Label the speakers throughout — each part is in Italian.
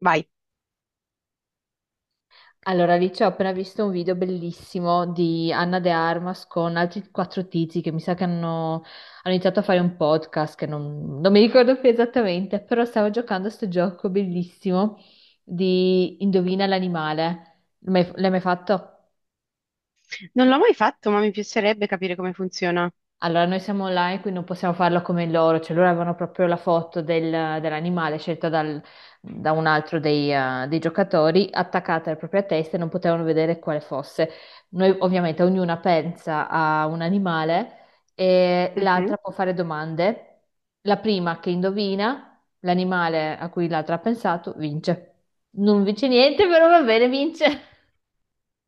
Speaker 1: Vai.
Speaker 2: Allora, lì ci ho appena visto un video bellissimo di Anna De Armas con altri quattro tizi che mi sa che hanno iniziato a fare un podcast che non mi ricordo più esattamente, però stavo giocando a sto gioco bellissimo di Indovina l'animale. L'hai mai fatto?
Speaker 1: Non l'ho mai fatto, ma mi piacerebbe capire come funziona.
Speaker 2: Allora, noi siamo online, quindi non possiamo farlo come loro, cioè loro avevano proprio la foto dell'animale scelta da un altro dei giocatori attaccata alla propria testa e non potevano vedere quale fosse. Noi ovviamente ognuna pensa a un animale e
Speaker 1: Mhm.
Speaker 2: l'altra può fare domande. La prima che indovina l'animale a cui l'altra ha pensato vince. Non vince niente, però va bene, vince.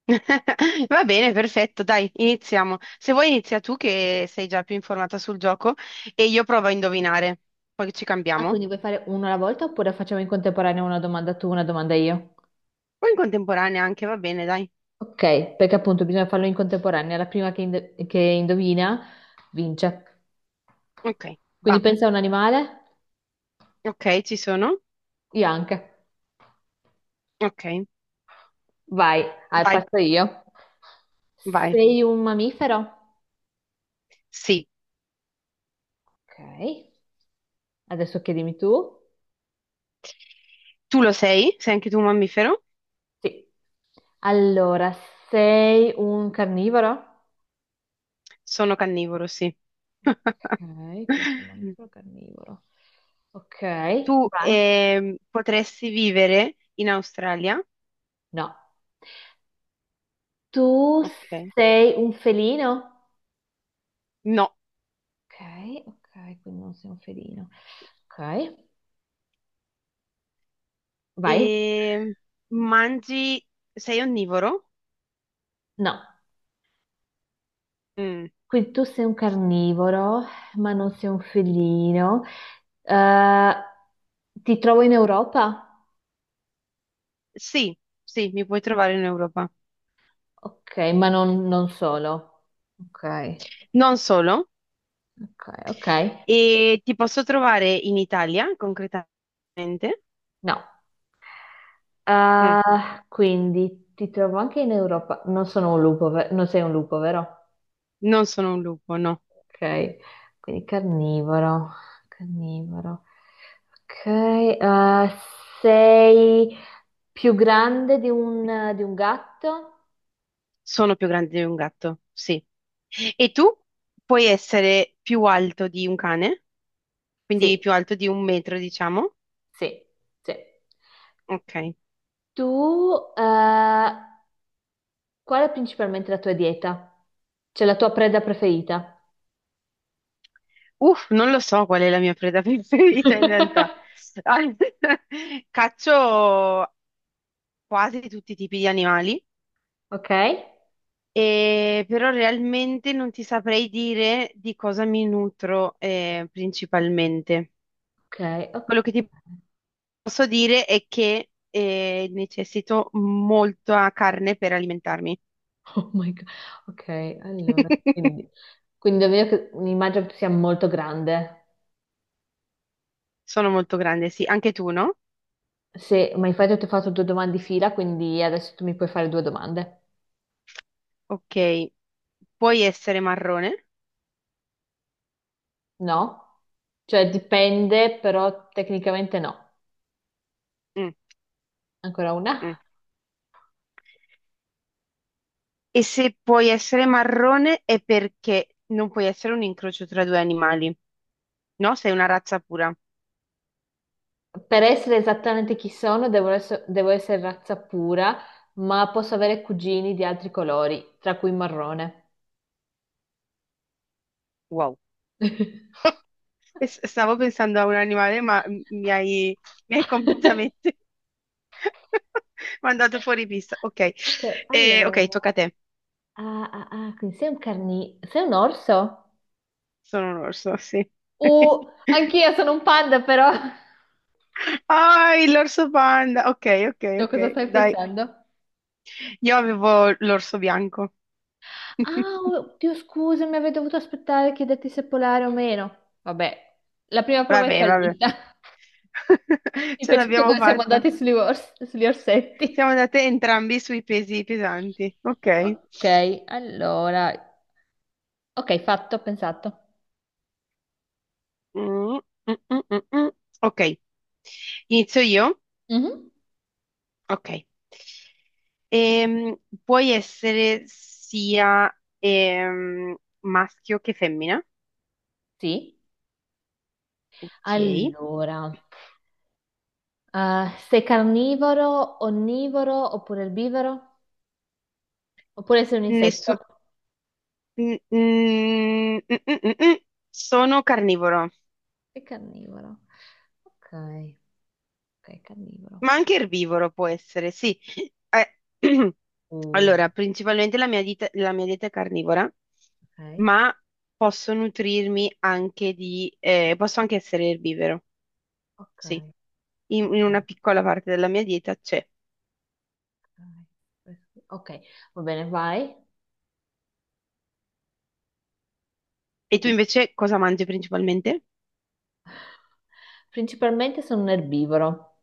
Speaker 1: Va bene, perfetto, dai, iniziamo. Se vuoi inizia tu che sei già più informata sul gioco e io provo a indovinare. Poi ci
Speaker 2: Ah,
Speaker 1: cambiamo.
Speaker 2: quindi vuoi fare uno alla volta oppure facciamo in contemporanea una domanda tu, una domanda io?
Speaker 1: O in contemporanea anche, va bene, dai.
Speaker 2: Ok, perché appunto bisogna farlo in contemporanea. La prima che indovina vince.
Speaker 1: Ok,
Speaker 2: Quindi
Speaker 1: va.
Speaker 2: pensa a un animale,
Speaker 1: Ok, ci sono.
Speaker 2: io anche.
Speaker 1: Ok,
Speaker 2: Vai, ah,
Speaker 1: vai,
Speaker 2: parto io.
Speaker 1: vai.
Speaker 2: Sei un mammifero?
Speaker 1: Sì.
Speaker 2: Ok, adesso chiedimi tu.
Speaker 1: Tu lo sei? Sei anche tu un mammifero?
Speaker 2: Sì. Allora, sei un carnivoro?
Speaker 1: Sono carnivoro, sì.
Speaker 2: Ok, questo è un mammifero carnivoro. Ok, vai.
Speaker 1: Tu potresti vivere in Australia?
Speaker 2: No. Tu
Speaker 1: Ok.
Speaker 2: sei un felino?
Speaker 1: No.
Speaker 2: Ok, ok, quindi non sei un felino. Ok, vai.
Speaker 1: E mangi... Sei onnivoro?
Speaker 2: No,
Speaker 1: Mm.
Speaker 2: quindi tu sei un carnivoro, ma non sei un felino. Eh, ti trovo in Europa?
Speaker 1: Sì, sì, mi puoi trovare in Europa.
Speaker 2: Ok, ma non solo. Ok,
Speaker 1: Non solo.
Speaker 2: ok, ok.
Speaker 1: E ti posso trovare in Italia, concretamente.
Speaker 2: No.
Speaker 1: Mm.
Speaker 2: Quindi ti trovo anche in Europa. Non sono un lupo, non sei un lupo, vero?
Speaker 1: Non sono un lupo, no.
Speaker 2: Ok, quindi carnivoro, carnivoro. Ok, sei più grande di un gatto?
Speaker 1: Sono più grande di un gatto, sì. E tu puoi essere più alto di un cane, quindi
Speaker 2: Sì,
Speaker 1: più alto di un metro, diciamo.
Speaker 2: sì, sì.
Speaker 1: Ok.
Speaker 2: Tu, eh, qual è principalmente la tua dieta? Cioè la tua preda preferita?
Speaker 1: Uff, non lo so qual è la mia preda preferita in realtà. Al- Caccio quasi tutti i tipi di animali,
Speaker 2: Ok,
Speaker 1: e però realmente non ti saprei dire di cosa mi nutro principalmente.
Speaker 2: ok, ok.
Speaker 1: Quello che ti posso dire è che necessito molta carne per alimentarmi.
Speaker 2: Oh my God. Ok, allora, quindi davvero immagino che tu sia molto grande.
Speaker 1: Sono molto grande, sì. Anche tu, no?
Speaker 2: Se, ma infatti ti ho fatto due domande di fila, quindi adesso tu mi puoi fare due domande.
Speaker 1: Ok. Puoi essere marrone?
Speaker 2: No? Cioè dipende, però tecnicamente no.
Speaker 1: Mm,
Speaker 2: Ancora
Speaker 1: mm.
Speaker 2: una.
Speaker 1: E se puoi essere marrone è perché non puoi essere un incrocio tra due animali, no? Sei una razza pura.
Speaker 2: Per essere esattamente chi sono, devo essere razza pura, ma posso avere cugini di altri colori, tra cui marrone.
Speaker 1: Wow. E stavo pensando a un animale, ma mi hai completamente mandato fuori pista. Ok,
Speaker 2: Ok,
Speaker 1: Ok,
Speaker 2: allora.
Speaker 1: tocca a te.
Speaker 2: Ah, ah, ah, quindi sei un sei un orso?
Speaker 1: Sono un orso, sì.
Speaker 2: Anch'io sono un panda, però.
Speaker 1: Ah, l'orso panda. Ok, ok,
Speaker 2: No,
Speaker 1: ok.
Speaker 2: cosa stai
Speaker 1: Dai,
Speaker 2: pensando?
Speaker 1: io avevo l'orso bianco.
Speaker 2: Ah, oddio, scusami, avrei dovuto aspettare che detti se polare o meno. Vabbè, la prima prova è
Speaker 1: Vabbè, vabbè.
Speaker 2: fallita. Mi
Speaker 1: Ce
Speaker 2: piace che
Speaker 1: l'abbiamo
Speaker 2: dove siamo
Speaker 1: fatta.
Speaker 2: andati sugli
Speaker 1: Siamo
Speaker 2: orsetti.
Speaker 1: andate entrambi sui pesi pesanti. Ok.
Speaker 2: Ok, allora. Ok, fatto, ho pensato.
Speaker 1: Mm, mm, mm, mm, mm. Ok. Inizio io?
Speaker 2: Mhm.
Speaker 1: Ok. Ehm, puoi essere sia maschio che femmina.
Speaker 2: Sì.
Speaker 1: Ok.
Speaker 2: Allora, sei carnivoro, onnivoro oppure erbivoro? Oppure sei un
Speaker 1: Nessu-
Speaker 2: insetto?
Speaker 1: mm, mm, mm, mm, mm, mm. Sono carnivoro.
Speaker 2: Sei carnivoro. Ok, ok, carnivoro.
Speaker 1: Ma anche erbivoro può essere, sì. Eh,
Speaker 2: Mm.
Speaker 1: Allora, principalmente la mia dieta è carnivora,
Speaker 2: Ok,
Speaker 1: ma posso anche essere erbivoro,
Speaker 2: ok.
Speaker 1: sì. In una piccola parte della mia dieta c'è.
Speaker 2: Ok, va bene, vai.
Speaker 1: E
Speaker 2: Sei
Speaker 1: tu
Speaker 2: tu.
Speaker 1: invece cosa mangi principalmente?
Speaker 2: Principalmente sono un erbivoro.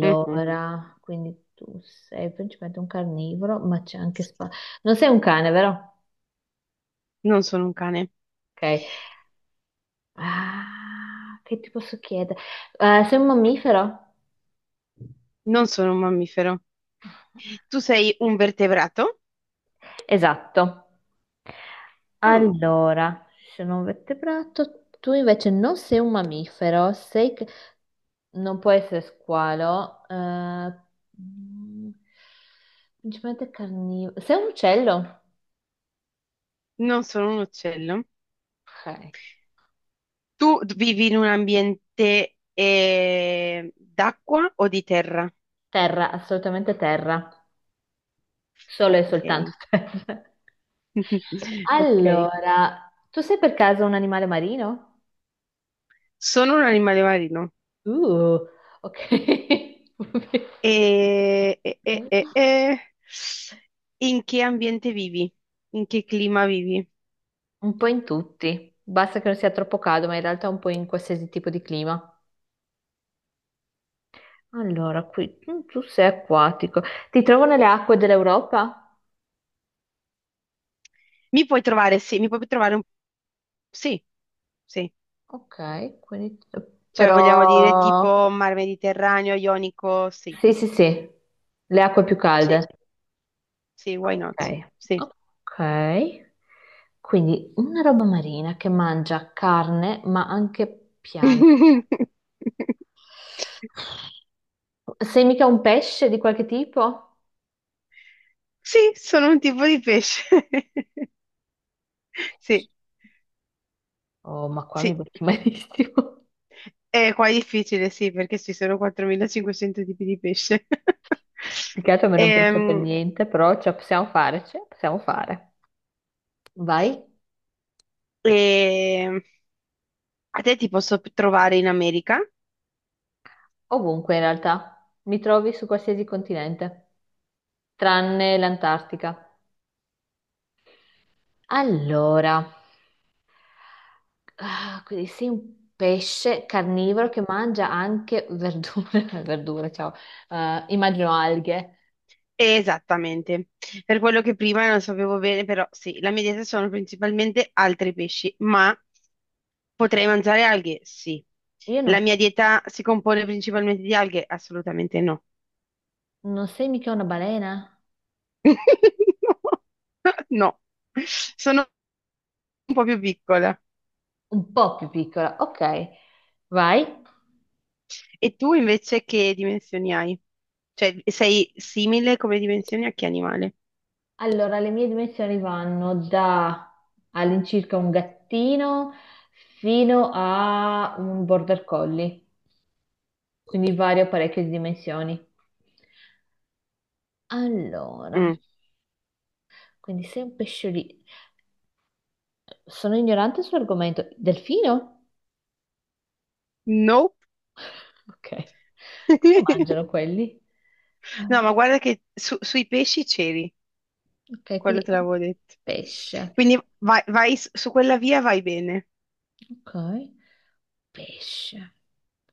Speaker 1: Mhm.
Speaker 2: quindi tu sei principalmente un carnivoro, ma c'è anche spa. Non sei un cane, vero?
Speaker 1: Non sono un cane,
Speaker 2: Ok. Ah, che ti posso chiedere? Sei un mammifero?
Speaker 1: non sono un mammifero. Tu sei un vertebrato?
Speaker 2: Esatto.
Speaker 1: Mm.
Speaker 2: Allora, sono un vertebrato. Tu invece non sei un mammifero, sei. Non può essere squalo. Mm, Principalmente carnivoro. Sei un uccello?
Speaker 1: Non sono un uccello.
Speaker 2: Ok.
Speaker 1: Tu vivi in un ambiente d'acqua o di terra?
Speaker 2: Terra, assolutamente terra. Solo e
Speaker 1: Ok,
Speaker 2: soltanto terra.
Speaker 1: ok.
Speaker 2: Allora, tu sei per caso un animale marino?
Speaker 1: Sono un animale marino.
Speaker 2: Uh, ok.
Speaker 1: E, e- e- e- e- In che ambiente vivi? In che clima vivi?
Speaker 2: Un po' in tutti. Basta che non sia troppo caldo, ma in realtà un po' in qualsiasi tipo di clima. Allora, qui tu sei acquatico. Ti trovo nelle acque dell'Europa?
Speaker 1: Mi puoi trovare, sì, mi puoi trovare un... Sì, sì.
Speaker 2: Ok, quindi.
Speaker 1: Cioè, vogliamo dire
Speaker 2: Però.
Speaker 1: tipo mar Mediterraneo, Ionico, sì.
Speaker 2: Sì, sì, sì, le acque più
Speaker 1: Sì,
Speaker 2: calde.
Speaker 1: sì, why not?
Speaker 2: Ok.
Speaker 1: Sì.
Speaker 2: Ok. Quindi una roba marina che mangia carne, ma anche piante. Sei mica un pesce di qualche tipo?
Speaker 1: Sì, sono un tipo di pesce. Sì,
Speaker 2: Pesce. Oh, ma qua mi
Speaker 1: sì.
Speaker 2: becchi malissimo.
Speaker 1: E qua è difficile, sì, perché ci sono 4.500 tipi di pesce.
Speaker 2: Più che altro a me non piace per
Speaker 1: Ehm,
Speaker 2: niente, però ce la possiamo fare, ce la possiamo fare. Vai
Speaker 1: e a te ti posso trovare in America?
Speaker 2: ovunque in realtà. Mi trovi su qualsiasi continente, tranne l'Antartica. Allora, ah, quindi sei un pesce carnivoro che mangia anche verdure, verdure, ciao. Immagino alghe.
Speaker 1: Esattamente. Per quello che prima non sapevo bene, però sì, la mia dieta sono principalmente altri pesci, ma potrei mangiare alghe? Sì.
Speaker 2: Io
Speaker 1: La
Speaker 2: non,
Speaker 1: mia dieta si compone principalmente di alghe? Assolutamente no.
Speaker 2: non sei mica una balena?
Speaker 1: No, sono un po' più piccole.
Speaker 2: Un po' più piccola, ok, vai.
Speaker 1: E tu invece che dimensioni hai? Cioè, sei simile come dimensioni a che animale?
Speaker 2: Allora, le mie dimensioni vanno da all'incirca un gattino fino a un border collie, quindi vario parecchie dimensioni. Allora,
Speaker 1: Mm.
Speaker 2: quindi sei un pesciolino. Sono ignorante sull'argomento. Delfino?
Speaker 1: Nope.
Speaker 2: Ok. Cosa mangiano quelli?
Speaker 1: No, ma
Speaker 2: Ah.
Speaker 1: guarda che sui pesci c'eri,
Speaker 2: Ok,
Speaker 1: quello
Speaker 2: quindi è
Speaker 1: te
Speaker 2: un
Speaker 1: l'avevo detto.
Speaker 2: pesce.
Speaker 1: Quindi vai, vai su su quella via, vai bene.
Speaker 2: Ok. Pesce.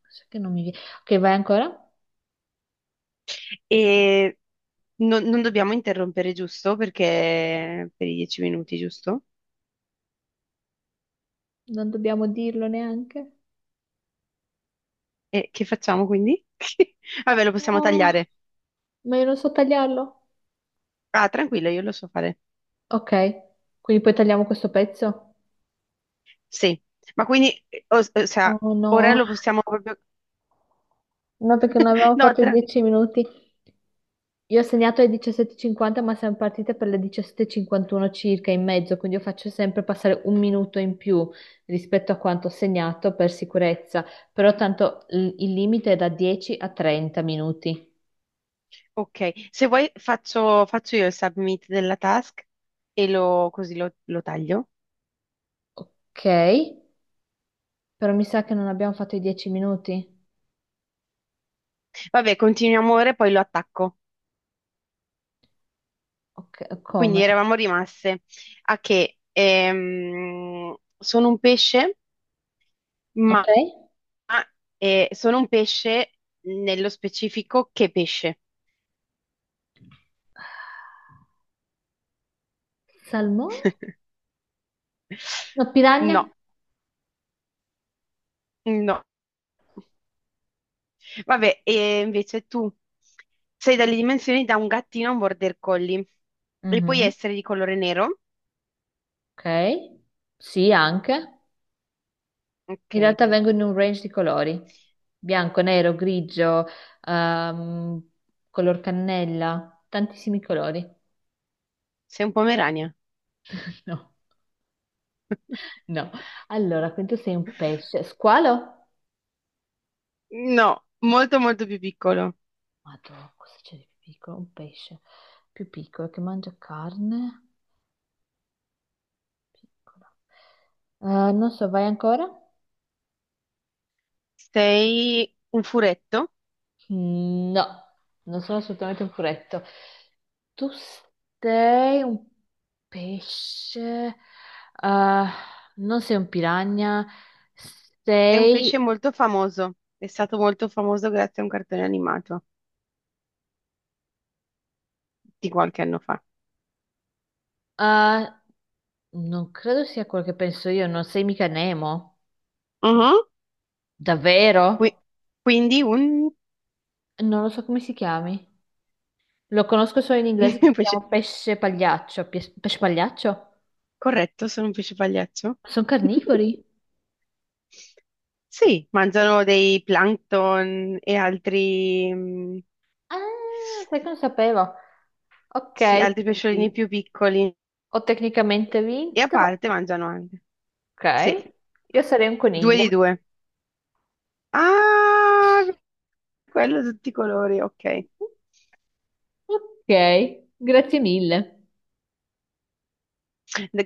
Speaker 2: Cos'è che non mi viene? Ok, vai ancora?
Speaker 1: E non dobbiamo interrompere, giusto? Perché per i 10 minuti, giusto?
Speaker 2: Non dobbiamo dirlo neanche.
Speaker 1: E che facciamo quindi? Vabbè, lo possiamo
Speaker 2: Oh,
Speaker 1: tagliare.
Speaker 2: ma io non so tagliarlo.
Speaker 1: Ah, tranquillo, io lo so fare.
Speaker 2: Ok, quindi poi tagliamo questo pezzo?
Speaker 1: Sì, ma quindi, o sea,
Speaker 2: Oh
Speaker 1: ora
Speaker 2: no.
Speaker 1: lo possiamo proprio...
Speaker 2: No, perché ne avevamo
Speaker 1: No,
Speaker 2: fatto 10 minuti. Io ho segnato alle 17:50, ma siamo partite per le 17:51 circa in mezzo, quindi io faccio sempre passare un minuto in più rispetto a quanto ho segnato per sicurezza, però tanto il limite è da 10 a 30 minuti.
Speaker 1: ok, se vuoi faccio, io il submit della task e lo, così lo taglio.
Speaker 2: Ok, però mi sa che non abbiamo fatto i 10 minuti.
Speaker 1: Vabbè, continuiamo ora e poi lo attacco.
Speaker 2: Ok,
Speaker 1: Quindi
Speaker 2: come?
Speaker 1: eravamo rimaste a che sono un pesce, ma
Speaker 2: Ok.
Speaker 1: sono un pesce nello specifico che pesce.
Speaker 2: Salmone? No,
Speaker 1: No,
Speaker 2: piranha?
Speaker 1: no. Vabbè, e invece tu sei dalle dimensioni da un gattino a un border collie e puoi
Speaker 2: Mhm.
Speaker 1: essere di colore nero.
Speaker 2: Ok. Sì, anche. In
Speaker 1: Ok,
Speaker 2: realtà vengono in un range di colori, bianco, nero, grigio, ehm, color cannella, tantissimi colori.
Speaker 1: sei un pomerania.
Speaker 2: No, no. Allora, quindi tu sei un pesce. Squalo?
Speaker 1: No, molto molto più piccolo.
Speaker 2: Madonna, cosa c'è di più piccolo? Un pesce più piccolo che mangia carne. Piccolo. Non so, vai ancora?
Speaker 1: Sei un furetto
Speaker 2: No, non sono assolutamente un furetto. Tu sei un pesce, eh, non sei un piranha,
Speaker 1: e un
Speaker 2: sei.
Speaker 1: pesce molto famoso. È stato molto famoso grazie a un cartone animato di qualche anno fa.
Speaker 2: Eh, non credo sia quello che penso io, non sei mica Nemo.
Speaker 1: Mhm. Qui-
Speaker 2: Davvero?
Speaker 1: quindi un
Speaker 2: Non lo so come si chiami. Lo conosco solo in inglese che
Speaker 1: un
Speaker 2: si
Speaker 1: pesce...
Speaker 2: chiama pesce pagliaccio. Pesce pagliaccio?
Speaker 1: Corretto, sono un pesce pagliaccio.
Speaker 2: Sono carnivori?
Speaker 1: Sì, mangiano dei plankton e altri,
Speaker 2: Ah, sai che non sapevo. Ok,
Speaker 1: sì, altri
Speaker 2: quindi
Speaker 1: pesciolini più piccoli
Speaker 2: ho tecnicamente
Speaker 1: e a
Speaker 2: vinto.
Speaker 1: parte mangiano anche. Sì,
Speaker 2: Ok, io sarei un
Speaker 1: due
Speaker 2: coniglio.
Speaker 1: di due. Ah, quello di tutti i colori, ok.
Speaker 2: Ok, grazie mille.